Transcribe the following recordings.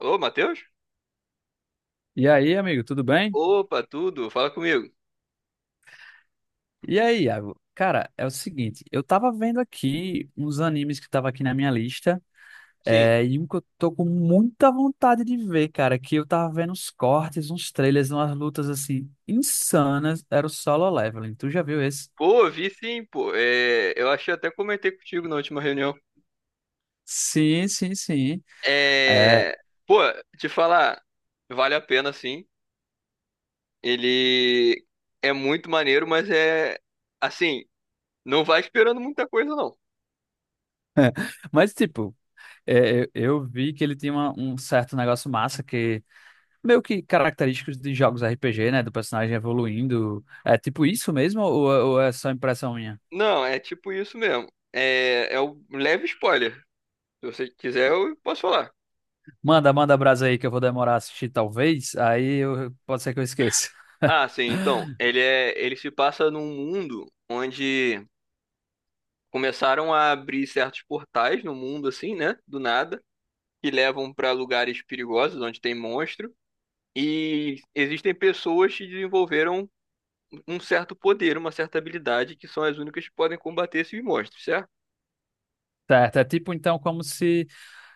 Alô, Matheus? E aí, amigo, tudo bem? Opa, tudo? Fala comigo. E aí, Iago? Cara, é o seguinte, eu tava vendo aqui uns animes que tava aqui na minha lista, Sim. E um que eu tô com muita vontade de ver, cara, que eu tava vendo uns cortes, uns trailers, umas lutas assim insanas, era o Solo Leveling. Tu já viu esse? Pô, vi sim, pô. É, eu achei até comentei contigo na última reunião. Sim, sim, sim. É, É, pô, te falar, vale a pena sim. Ele é muito maneiro, mas é assim, não vai esperando muita coisa, não. mas tipo, é, eu vi que ele tinha um certo negócio massa que meio que característicos de jogos RPG, né, do personagem evoluindo. É tipo isso mesmo ou é só impressão minha? Não, é tipo isso mesmo. É, é um leve spoiler. Se você quiser, eu posso falar. Manda, manda brasa aí que eu vou demorar a assistir, talvez. Pode ser que eu esqueça. Ah, sim, então, ele se passa num mundo onde começaram a abrir certos portais no mundo, assim, né? Do nada, que levam para lugares perigosos onde tem monstro. E existem pessoas que desenvolveram um certo poder, uma certa habilidade, que são as únicas que podem combater esses monstros, certo? Certo, é tipo então como se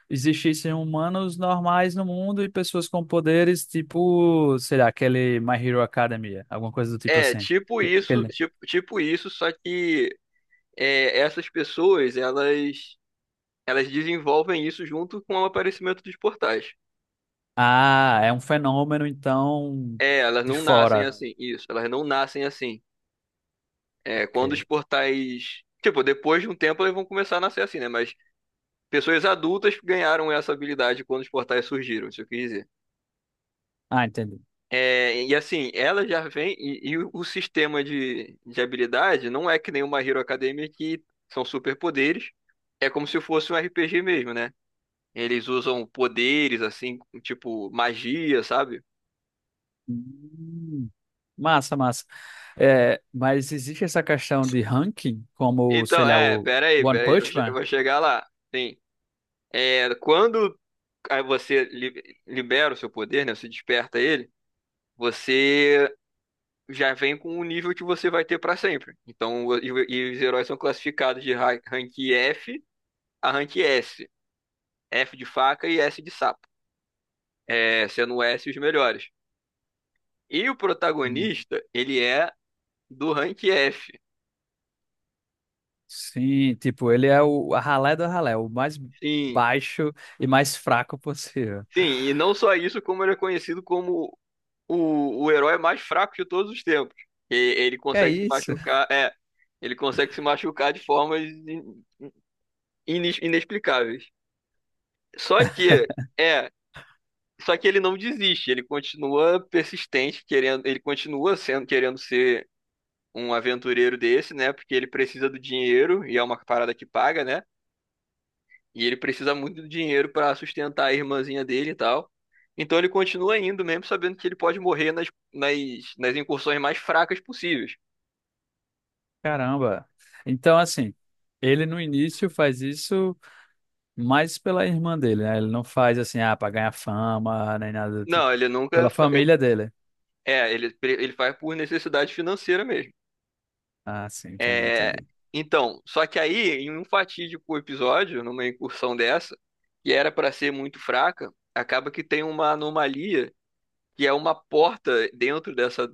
existissem humanos normais no mundo e pessoas com poderes, tipo, sei lá, aquele My Hero Academia, alguma coisa do tipo É, assim. tipo Que- isso, Aquele... tipo isso, só que é, essas pessoas, elas desenvolvem isso junto com o aparecimento dos portais. Ah, é um fenômeno então É, elas de não nascem, porra, fora. assim, isso, elas não nascem assim. É, quando os Ok. portais. Tipo, depois de um tempo eles vão começar a nascer assim, né? Mas pessoas adultas ganharam essa habilidade quando os portais surgiram, isso eu quis dizer. Ah, entendi. É, e assim, ela já vem. E o sistema de habilidade não é que nem uma Hero Academia que são superpoderes. É como se fosse um RPG mesmo, né? Eles usam poderes, assim, tipo magia, sabe? Hum, massa, massa. É, mas existe essa questão de ranking, como, sei Então, lá, é, o pera aí, One pera aí, Punch eu Man? vou chegar lá. Sim. É, quando aí você libera o seu poder, né? Você desperta ele, você já vem com o nível que você vai ter para sempre. Então, e os heróis são classificados de rank F a rank S. F de faca e S de sapo. É, sendo S os melhores. E o protagonista, ele é do rank F. Sim, tipo, ele é o a ralé do ralé, o mais Sim, baixo e mais fraco possível. sim, e não só isso, como ele é conhecido como o herói mais fraco de todos os tempos. Ele Que é consegue se isso? machucar, ele consegue se machucar de formas inexplicáveis. Só que, é, só que ele não desiste, ele continua persistente, querendo, ele continua sendo, querendo ser um aventureiro desse, né? Porque ele precisa do dinheiro e é uma parada que paga, né? E ele precisa muito do dinheiro para sustentar a irmãzinha dele e tal. Então ele continua indo, mesmo sabendo que ele pode morrer nas, nas incursões mais fracas possíveis. Caramba. Então, assim, ele no início faz isso mais pela irmã dele, né? Ele não faz assim, ah, pra ganhar fama, nem nada do tipo. Não, ele nunca. Pela família dele. É, ele faz por necessidade financeira mesmo. Ah, sim, entendi, É, entendi. então, só que aí, em um fatídico episódio, numa incursão dessa, que era para ser muito fraca, acaba que tem uma anomalia, que é uma porta dentro dessa,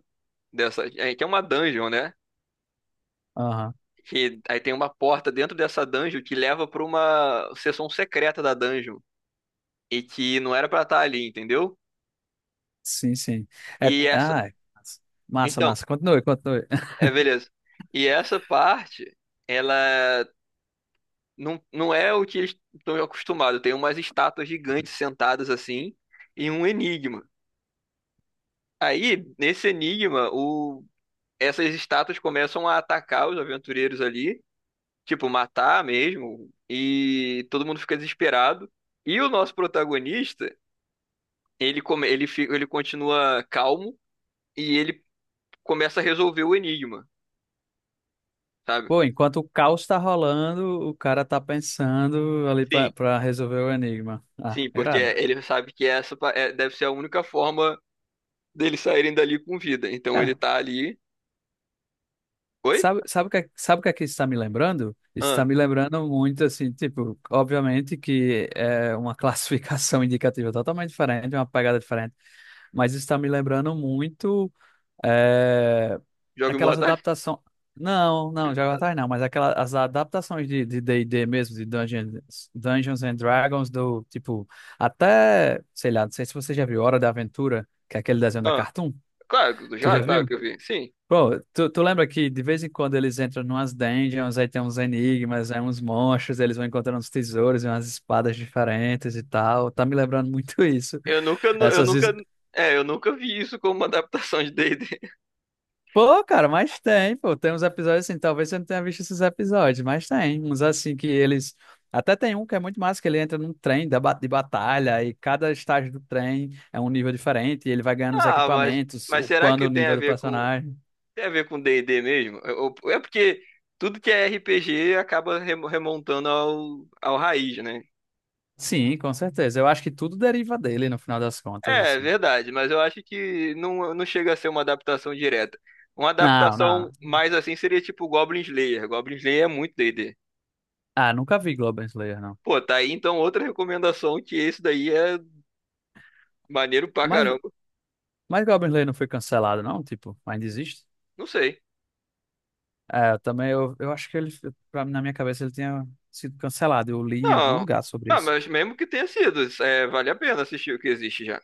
dessa, é, que é uma dungeon, né? Aham. Que aí tem uma porta dentro dessa dungeon que leva para uma seção secreta da dungeon e que não era para estar ali, entendeu? Sim, sim. É, E essa, ah, massa, então, massa. Continue, continue. é beleza. E essa parte, ela. Não, não é o que eles estão acostumados. Tem umas estátuas gigantes sentadas assim e um enigma. Aí, nesse enigma, essas estátuas começam a atacar os aventureiros ali, tipo, matar mesmo, e todo mundo fica desesperado. E o nosso protagonista, ele continua calmo e ele começa a resolver o enigma, sabe? Pô, enquanto o caos tá rolando, o cara tá pensando ali Sim. Pra resolver o enigma. Ah, Sim, porque irado. ele sabe que essa deve ser a única forma deles saírem dali com vida. Então ele Cara, tá ali. Oi? sabe, sabe o que, é, sabe o que é que isso está me lembrando? Isso Ah, está me lembrando muito, assim, tipo, obviamente que é uma classificação indicativa totalmente diferente, uma pegada diferente, mas isso está me lembrando muito é, Jogos aquelas Mortais? adaptações. Não, não, já atrás não, mas aquelas as adaptações de D&D mesmo, de Dungeons, Dungeons and Dragons, do tipo, até, sei lá, não sei se você já viu Hora da Aventura, que é aquele desenho da Ah, Cartoon. claro, que- Tu já, já claro viu? que eu vi. Sim. Pô, tu lembra que de vez em quando eles entram numas dungeons, aí tem uns enigmas, aí uns monstros, eles vão encontrando uns tesouros e umas espadas diferentes e tal. Tá me lembrando muito isso. Eu nunca, nu- eu É. Essas... his- nunca, é, eu nunca vi isso como uma adaptação de D&D. Pô, cara, mas tem, pô, tem uns episódios assim, talvez você não tenha visto esses episódios, mas tem uns assim que eles... Até tem um que é muito massa, que ele entra num trem de batalha e cada estágio do trem é um nível diferente e ele vai ganhando os Ah, mas, equipamentos, mas será upando que o tem a nível do ver com, personagem. tem a ver com D&D mesmo? Porque tudo que é RPG acaba remontando ao raiz, né? Sim, com certeza. Eu acho que tudo deriva dele no final das contas, É, é assim. verdade, mas eu acho que não, não chega a ser uma adaptação direta. Uma Não, não. adaptação mais assim seria tipo Goblin Slayer. Goblin Slayer é muito D&D. Ah, nunca vi Goblin Slayer, não. Pô, tá aí então outra recomendação que esse daí é maneiro pra Mas, caramba. mas Goblin Slayer não foi cancelado, não? Tipo, ainda existe? Não sei. É, eu também eu acho que ele, pra, na minha cabeça, ele tinha sido cancelado. Eu li em algum Não. lugar sobre Ah, isso. mas mesmo que tenha sido, vale a pena assistir o que existe já.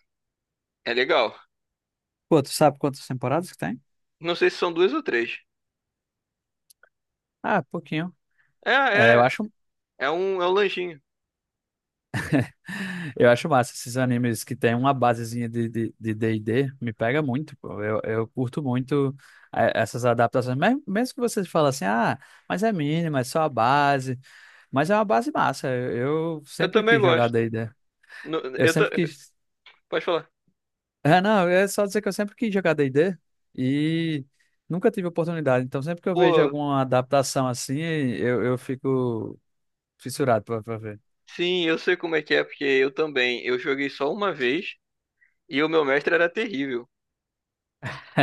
É legal. Pô, tu sabe quantas temporadas que tem? Não sei se são duas ou três. Ah, pouquinho. É, É, eu é, acho. é um lanchinho. Eu acho massa esses animes que tem uma basezinha de D&D, de D&D, me pega muito, pô. Eu curto muito essas adaptações. Mesmo que você fala assim, ah, mas é mínimo, é só a base. Mas é uma base massa. Eu Eu sempre também quis jogar gosto. D&D. No- Eu Eu ta- sempre quis... Pode falar. É, não, é só dizer que eu sempre quis jogar D&D e nunca tive oportunidade. Então, sempre que eu vejo Pô, alguma adaptação assim, eu fico fissurado pra ver. sim, eu sei como é que é, porque eu também. Eu joguei só uma vez e o meu mestre era terrível.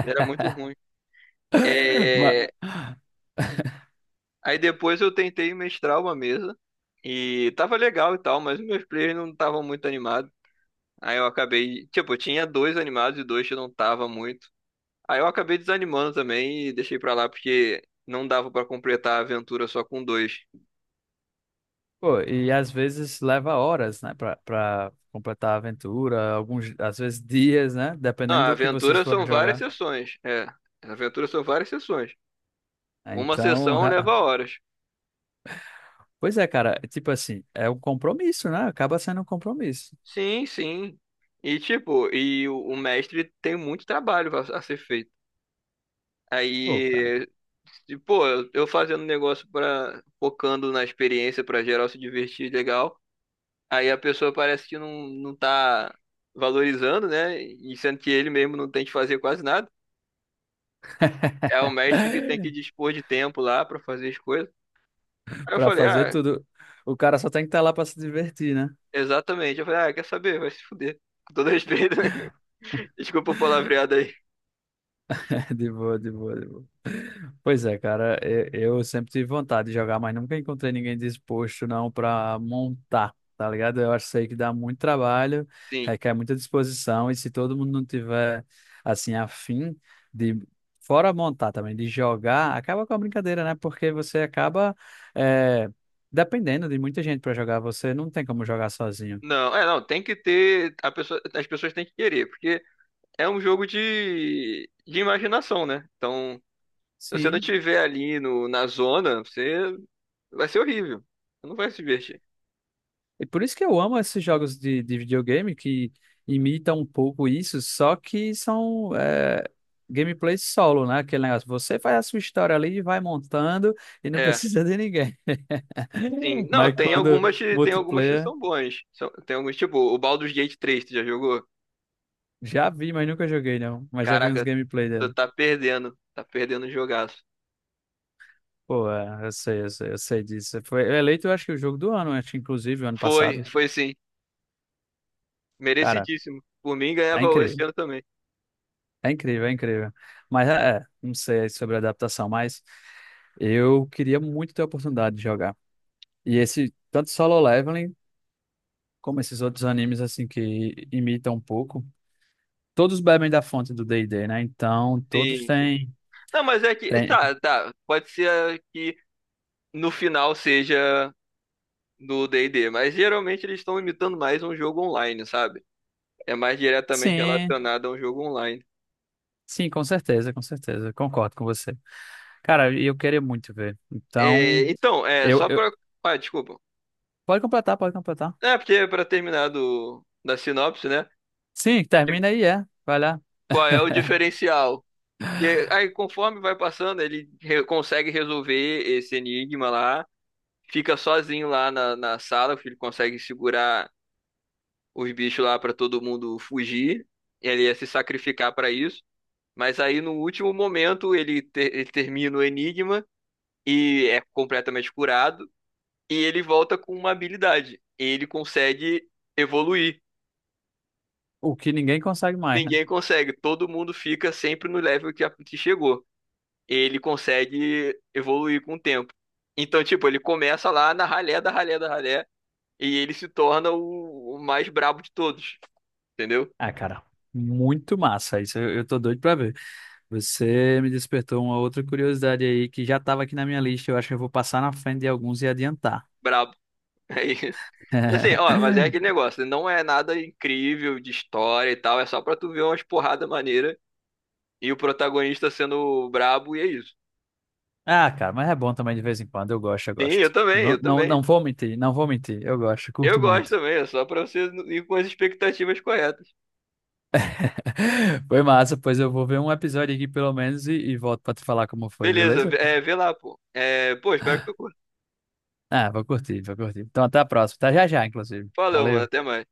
Era muito ruim. É, Aí depois eu tentei mestrar uma mesa e tava legal e tal, mas os meus players não estavam muito animados. Aí eu acabei, tipo, eu tinha dois animados e dois que eu não tava muito. Aí eu acabei desanimando também e deixei pra lá porque não dava pra completar a aventura só com dois. Pô, e às vezes leva horas, né, pra completar a aventura, alguns, às vezes dias, né, dependendo Ah, a do que vocês aventura forem são várias jogar. sessões. É, a aventura são várias sessões. Uma Então, sessão ra- leva horas. pois é, cara, tipo assim, é um compromisso, né? Acaba sendo um compromisso. Sim, sim. E tipo, e o mestre tem muito trabalho a ser feito. Pô, cara, Aí, pô, eu fazendo negócio para focando na experiência pra geral se divertir legal. Aí a pessoa parece que não, não tá valorizando, né? E sendo que ele mesmo não tem que fazer quase nada. É o mestre que tem que dispor de tempo lá pra fazer as coisas. Aí eu pra falei, fazer ah, tudo, o cara só tem que estar lá pra se divertir, né? exatamente. Eu falei, ah, quer saber? Vai se fuder. Com todo respeito, né? Desculpa o palavreado aí. De boa, de boa. Pois é, cara, eu sempre tive vontade de jogar, mas nunca encontrei ninguém disposto não para montar, tá ligado? Eu acho isso aí que dá muito trabalho, Sim. requer muita disposição, e se todo mundo não tiver, assim, afim de, fora montar também, de jogar, acaba com a brincadeira, né? Porque você acaba, eh, dependendo de muita gente para jogar, você não tem como jogar sozinho. Não, não, tem que ter. As pessoas têm que querer, porque é um jogo de imaginação, né? Então, se você não Sim. estiver ali no, na zona, você vai ser horrível. Você não vai se divertir. E por isso que eu amo esses jogos de videogame que imitam um pouco isso, só que são gameplays solo, né? Aquele negócio, você faz a sua história ali e vai montando e não É. precisa de ninguém. Sim, não, Mas tem quando algumas, tem algumas que multiplayer, são bons. Tem alguns, tipo, o Baldur's Gate três tu já jogou? já vi, mas nunca joguei não. Mas já vi uns Caraca, gameplay tu dele. tá perdendo, tá perdendo o jogaço. Pô, é, eu sei, eu sei, eu sei disso. Foi eleito, eu acho que o jogo do ano, acho que inclusive o ano Foi, passado. foi sim, Cara, merecidíssimo. Por mim, é ganhava esse incrível, ano também. é incrível, é incrível. Mas é, é, não sei sobre a adaptação, mas. Eu queria muito ter a oportunidade de jogar. E esse, tanto Solo Leveling, como esses outros animes, assim, que imitam um pouco, todos bebem da fonte do D&D, né? Então, todos Sim, sim. têm, Não, mas é que, têm... tá, pode ser que no final seja do d e D, mas geralmente eles estão imitando mais um jogo online, sabe? É mais diretamente Sim, relacionado a um jogo online. sim, com certeza, com certeza. Concordo com você. Cara, e eu queria muito ver. Então, É, então, é, só eu... pra... Ah, desculpa. Pode completar, pode completar. É, porque para terminar da sinopse, né? Sim, que- termina aí, é. Vai lá. Qual é o diferencial? E aí, conforme vai passando, ele consegue resolver esse enigma lá, fica sozinho lá na sala, porque ele consegue segurar os bichos lá para todo mundo fugir. Ele ia se sacrificar para isso. Mas aí, no último momento, ele termina o enigma e é completamente curado. E ele volta com uma habilidade. Ele consegue evoluir. O que ninguém consegue mais, né? Ninguém consegue, todo mundo fica sempre no level que a Pete chegou. Ele consegue evoluir com o tempo. Então, tipo, ele começa lá na ralé da ralé da ralé e ele se torna o mais brabo de todos, entendeu? Ah, cara, muito massa isso. Eu tô doido pra ver. Você me despertou uma outra curiosidade aí que já estava aqui na minha lista. Eu acho que eu vou passar na frente de alguns e adiantar. Brabo. É isso. E assim, ó, mas é aquele negócio, não é nada incrível de história e tal, é só pra tu ver umas porrada maneira e o protagonista sendo brabo e é isso. Ah, cara, mas é bom também de vez em quando. Eu gosto, eu Sim, gosto. eu também, Não, eu não, também. não vou mentir, não vou mentir. Eu gosto, Eu curto gosto muito. também, é só pra você ir com as expectativas corretas. Foi massa, pois eu vou ver um episódio aqui pelo menos e volto pra te falar como foi, Beleza, beleza? é, vê lá, pô. É, pô, espero que tu curta. Ah, vou curtir, vou curtir. Então até a próxima. Tá já já, inclusive. Valeu, mano, até Valeu. mais.